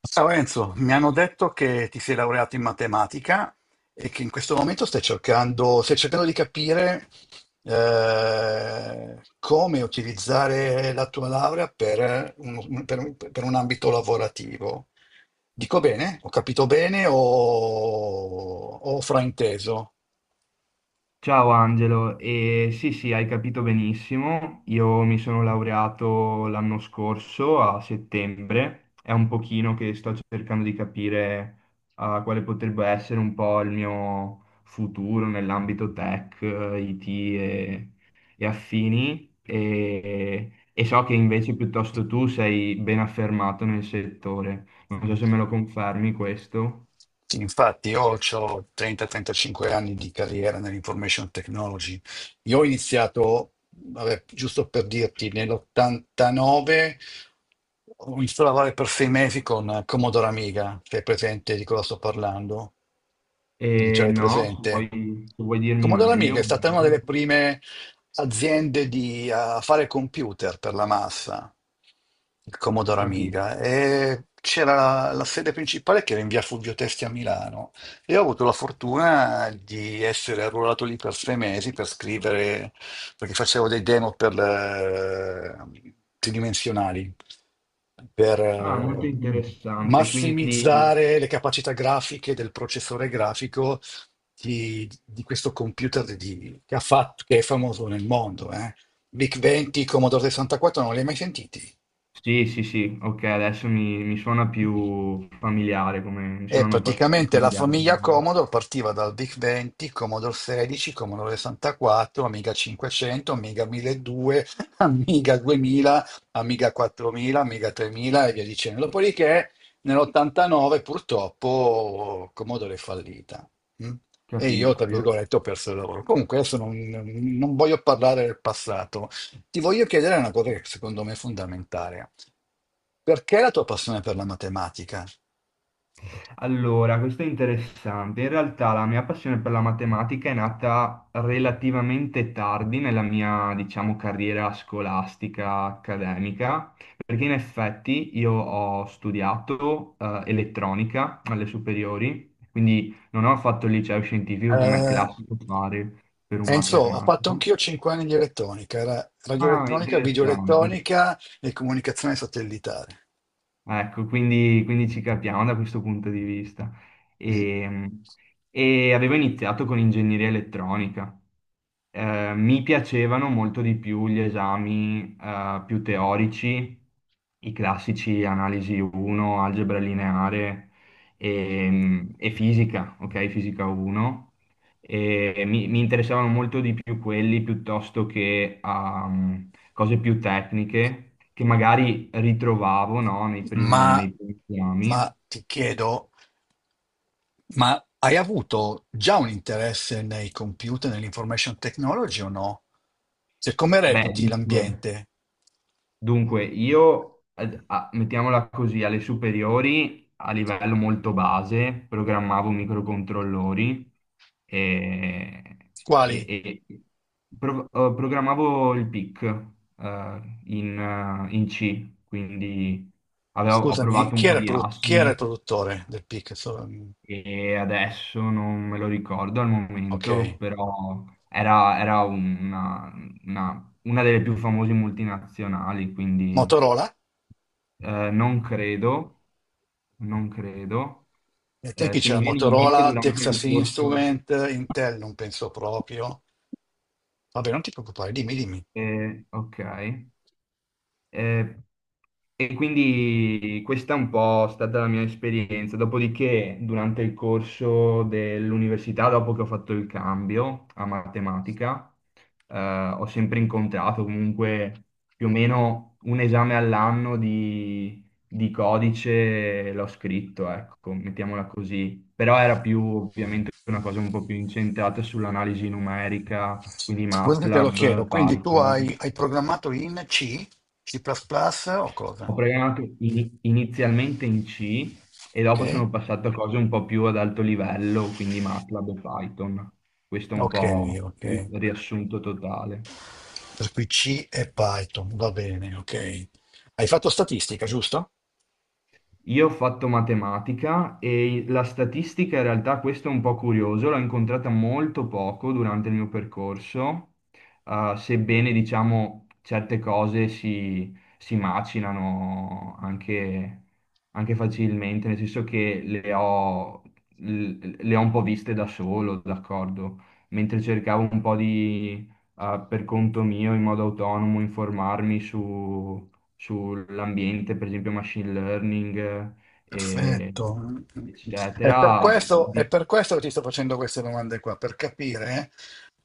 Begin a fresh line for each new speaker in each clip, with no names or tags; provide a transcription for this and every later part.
Ciao Enzo, mi hanno detto che ti sei laureato in matematica e che in questo momento stai cercando di capire, come utilizzare la tua laurea per un ambito lavorativo. Dico bene? Ho capito bene o ho frainteso?
Ciao Angelo, e sì sì, hai capito benissimo, io mi sono laureato l'anno scorso a settembre, è un pochino che sto cercando di capire quale potrebbe essere un po' il mio futuro nell'ambito tech, IT e affini e so che invece piuttosto tu sei ben affermato nel settore, non so se me lo confermi questo.
Sì, infatti, io ho 30-35 anni di carriera nell'information technology. Io ho iniziato, vabbè, giusto per dirti, nell'89 ho iniziato a lavorare per 6 mesi con Commodore Amiga, se è presente di cosa sto parlando. Non ce
E
l'hai
no,
presente?
se vuoi dirmi
Commodore
meglio
Amiga è stata una
magari.
delle prime aziende di, fare computer per la massa, il Commodore
Capisco.
Amiga, e c'era la sede principale che era in via Fulvio Testi a Milano, e ho avuto la fortuna di essere arruolato lì per 6 mesi per scrivere, perché facevo dei demo tridimensionali, per,
Ah, molto interessante. Quindi
massimizzare le capacità grafiche del processore grafico di questo computer che è famoso nel mondo. Eh? VIC-20, Commodore 64, non li hai mai sentiti?
sì, sì, sì, ok, adesso mi suona più familiare, come mi
E
suonano più
praticamente la
familiare.
famiglia Commodore partiva dal VIC 20, Commodore 16, Commodore 64, Amiga 500, Amiga 1200, Amiga 2000, Amiga 4000, Amiga 3000 e via dicendo. Dopodiché nell'89 purtroppo Commodore è fallita. Mm? E io, tra
Capisco.
virgolette, ho perso il lavoro. Comunque adesso non voglio parlare del passato. Ti voglio chiedere una cosa che secondo me è fondamentale. Perché la tua passione per la matematica?
Allora, questo è interessante. In realtà la mia passione per la matematica è nata relativamente tardi nella mia, diciamo, carriera scolastica accademica, perché in effetti io ho studiato elettronica alle superiori, quindi non ho fatto il liceo scientifico come è
Eh,
classico fare per un
Enzo, ho fatto
matematico.
anch'io 5 anni di elettronica, era
Ah,
radioelettronica,
interessante.
videoelettronica e comunicazione satellitare.
Ecco, quindi ci capiamo da questo punto di vista.
Mm.
E, e avevo iniziato con ingegneria elettronica, mi piacevano molto di più gli esami più teorici, i classici analisi 1, algebra lineare e fisica, ok? Fisica 1. E mi interessavano molto di più quelli piuttosto che cose più tecniche che magari ritrovavo, no,
Ma,
nei primi esami.
ma ti chiedo, ma hai avuto già un interesse nei computer, nell'information technology o no? Cioè, come
Beh,
reputi
dunque.
l'ambiente?
Dunque, io, mettiamola così, alle superiori, a livello molto base, programmavo microcontrollori e,
Quali?
e programmavo il PIC, in C, quindi ho
Scusami,
provato un po' di
chi era il
assembly,
produttore del PIC?
e adesso non me lo ricordo al
Ok,
momento, però era una delle più famose multinazionali, quindi.
Motorola?
Non credo, non credo.
Nei tempi
Se
c'era
mi viene in mente
Motorola,
durante
Texas
il corso,
Instrument, Intel non penso proprio. Vabbè, non ti preoccupare, dimmi, dimmi.
ok. Eh, e quindi questa è un po' stata la mia esperienza. Dopodiché, durante il corso dell'università, dopo che ho fatto il cambio a matematica, eh, ho sempre incontrato comunque più o meno un esame all'anno di codice, l'ho scritto, ecco, mettiamola così. Però era più ovviamente una cosa un po' più incentrata sull'analisi numerica, quindi
Guarda che te lo chiedo,
MATLAB,
quindi tu hai,
Python.
hai programmato in C, C++ o
Ho
cosa?
programmato inizialmente in C e dopo
Ok?
sono passato a cose un po' più ad alto livello, quindi MATLAB e Python. Questo è un
Ok,
po'
ok.
il riassunto totale.
Per cui C e Python, va bene, ok. Hai fatto statistica, giusto?
Io ho fatto matematica e la statistica, in realtà, questo è un po' curioso, l'ho incontrata molto poco durante il mio percorso, sebbene diciamo certe cose si macinano anche facilmente, nel senso che le ho un po' viste da solo, d'accordo, mentre cercavo un po' per conto mio, in modo autonomo, informarmi su sull'ambiente, per esempio machine learning, eh,
Perfetto.
eccetera.
È per questo che ti sto facendo queste domande qua, per capire,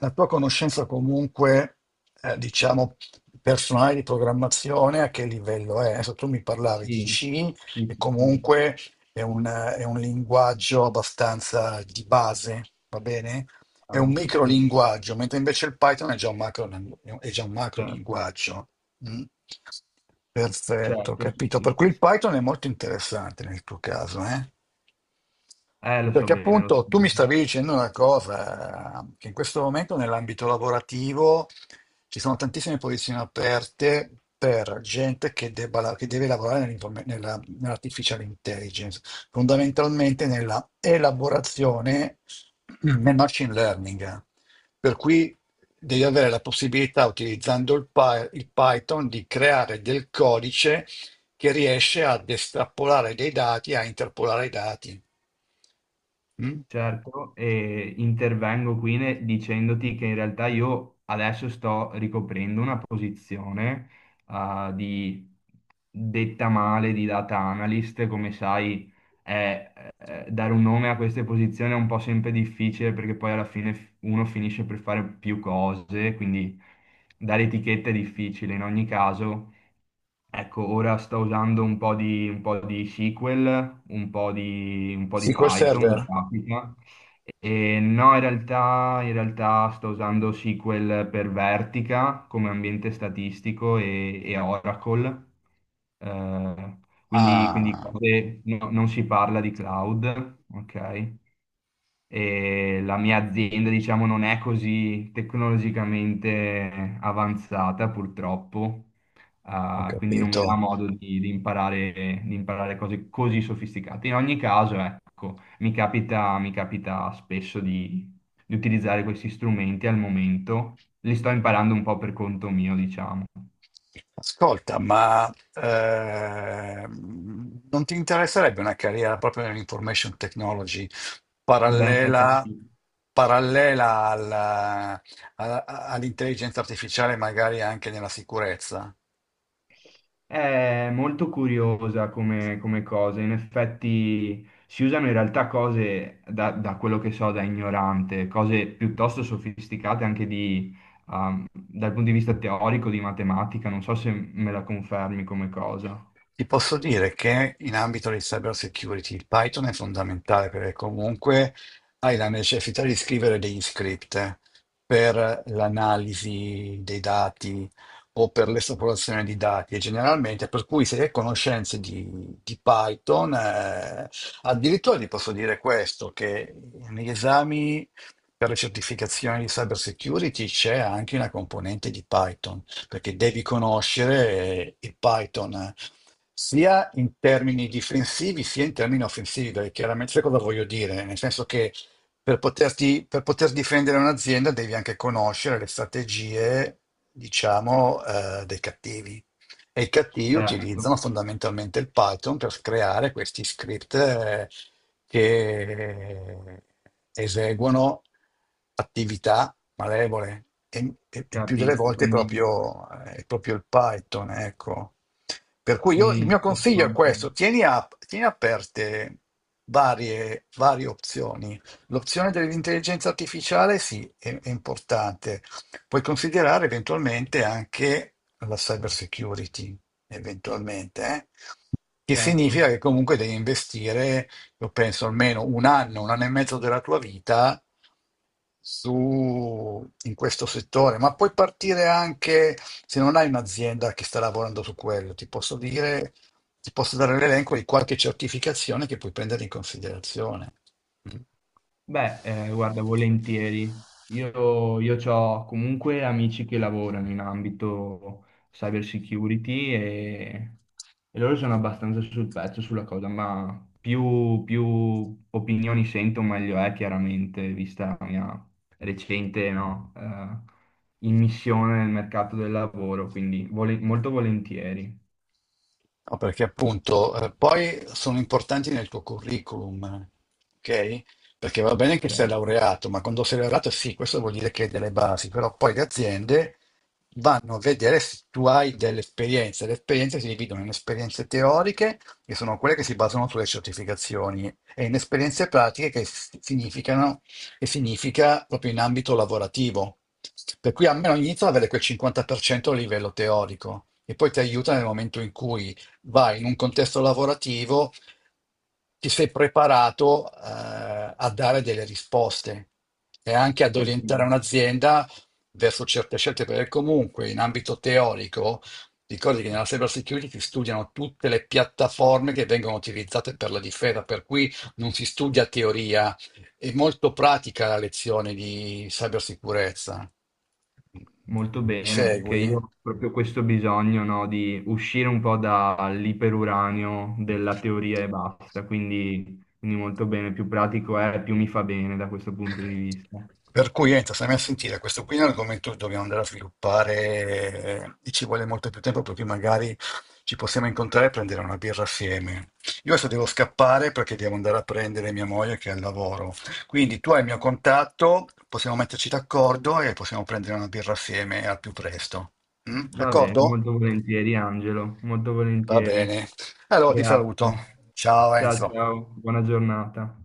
la tua conoscenza comunque, diciamo, personale di programmazione, a che livello è. Adesso tu mi parlavi di
Sì,
C,
sì,
e
sì, sì,
comunque è un linguaggio abbastanza di base, va bene? È un
chiaro,
micro
sì,
linguaggio, mentre invece il Python è già un macro, è già un macro
certo,
linguaggio. Mm. Perfetto,
certo, sì,
capito. Per
sì.
cui il Python è molto interessante nel tuo caso, eh?
Lo so
Perché
bene, lo so
appunto tu mi
bene.
stavi dicendo una cosa, che in questo momento nell'ambito lavorativo ci sono tantissime posizioni aperte per gente che, che deve lavorare nell'artificial intelligence, fondamentalmente nella elaborazione, nel machine learning. Per cui devi avere la possibilità, utilizzando il Python, di creare del codice che riesce ad estrapolare dei dati, a interpolare i dati. Mm?
Certo, e intervengo qui dicendoti che in realtà io adesso sto ricoprendo una posizione, ah, di, detta male, di data analyst, come sai. Dare un nome a queste posizioni è un po' sempre difficile, perché poi alla fine uno finisce per fare più cose, quindi dare etichetta è difficile in ogni caso. Ecco, ora sto usando un po' di SQL, un po' di
SQL
Python, mi
Server?
capita. E no, in realtà sto usando SQL per Vertica come ambiente statistico e Oracle. Eh, quindi
Ah,
non si parla di cloud, ok? E la mia azienda, diciamo, non è così tecnologicamente avanzata, purtroppo.
ho
Ah, quindi non mi dà
capito.
modo di imparare cose così sofisticate. In ogni caso, ecco, mi capita spesso di utilizzare questi strumenti al momento, li sto imparando un po' per conto mio, diciamo.
Ascolta, ma non ti interesserebbe una carriera proprio nell'information technology
Va bene, eh beh,
parallela,
sì.
parallela alla- all'intelligenza artificiale, magari anche nella sicurezza?
È molto curiosa come cosa, in effetti si usano in realtà cose, da quello che so, da ignorante, cose piuttosto sofisticate anche dal punto di vista teorico di matematica, non so se me la confermi come cosa.
Ti posso dire che in ambito di cyber security il Python è fondamentale perché comunque hai la necessità di scrivere degli script per l'analisi dei dati o per l'esplorazione di dati, e generalmente per cui se hai conoscenze di Python, addirittura ti posso dire questo, che negli esami per le certificazioni di cyber security c'è anche una componente di Python, perché devi conoscere, il Python, sia in termini difensivi sia in termini offensivi, perché chiaramente sai cosa voglio dire? Nel senso che per poter difendere un'azienda devi anche conoscere le strategie, diciamo, dei cattivi. E i cattivi
Certo,
utilizzano fondamentalmente il Python per creare questi script che eseguono attività malevole e più delle
capisco,
volte
quindi
è proprio il Python, ecco. Per cui io, il
in
mio consiglio è
sostanza,
questo: tieni, tieni aperte varie opzioni. L'opzione dell'intelligenza artificiale sì, è importante. Puoi considerare eventualmente anche la cyber security, eventualmente, eh? Che significa
certo.
che comunque devi investire, io penso, almeno un anno e mezzo della tua vita su, in questo settore, ma puoi partire anche se non hai un'azienda che sta lavorando su quello. Ti posso dire, ti posso dare l'elenco di qualche certificazione che puoi prendere in considerazione. Mm?
Beh, guarda, volentieri. Io ho comunque amici che lavorano in ambito cyber security, e loro sono abbastanza sul pezzo sulla cosa, ma più opinioni sento, meglio è, chiaramente, vista la mia recente, no, immissione nel mercato del lavoro, quindi molto volentieri.
No, perché appunto, poi sono importanti nel tuo curriculum, ok? Perché va bene che sei
Certo.
laureato, ma quando sei laureato sì, questo vuol dire che hai delle basi, però poi le aziende vanno a vedere se tu hai delle esperienze. Le esperienze si dividono in esperienze teoriche, che sono quelle che si basano sulle certificazioni, e in esperienze pratiche che significano, che significa proprio in ambito lavorativo. Per cui almeno inizio ad avere quel 50% a livello teorico, e poi ti aiuta nel momento in cui vai in un contesto lavorativo, ti sei preparato, a dare delle risposte e anche ad
Certo.
orientare un'azienda verso certe scelte, perché comunque in ambito teorico, ricordi che nella cyber security si studiano tutte le piattaforme che vengono utilizzate per la difesa, per cui non si studia teoria, è molto pratica la lezione di cybersicurezza.
Molto
Mi
bene, perché
segui?
io ho proprio questo bisogno, no, di uscire un po' dall'iperuranio della teoria e basta, quindi, molto bene, più pratico è, più mi fa bene da questo punto di vista.
Per cui, niente, stiamo a sentire, questo qui è un argomento che dobbiamo andare a sviluppare, e ci vuole molto più tempo, per cui magari ci possiamo incontrare e prendere una birra assieme. Io adesso devo scappare perché devo andare a prendere mia moglie che è al lavoro. Quindi tu hai il mio contatto, possiamo metterci d'accordo e possiamo prendere una birra assieme al più presto. Mm?
Va bene,
D'accordo?
molto volentieri Angelo, molto
Va
volentieri.
bene. Allora ti saluto.
Grazie.
Ciao
Ciao
Enzo.
ciao, buona giornata.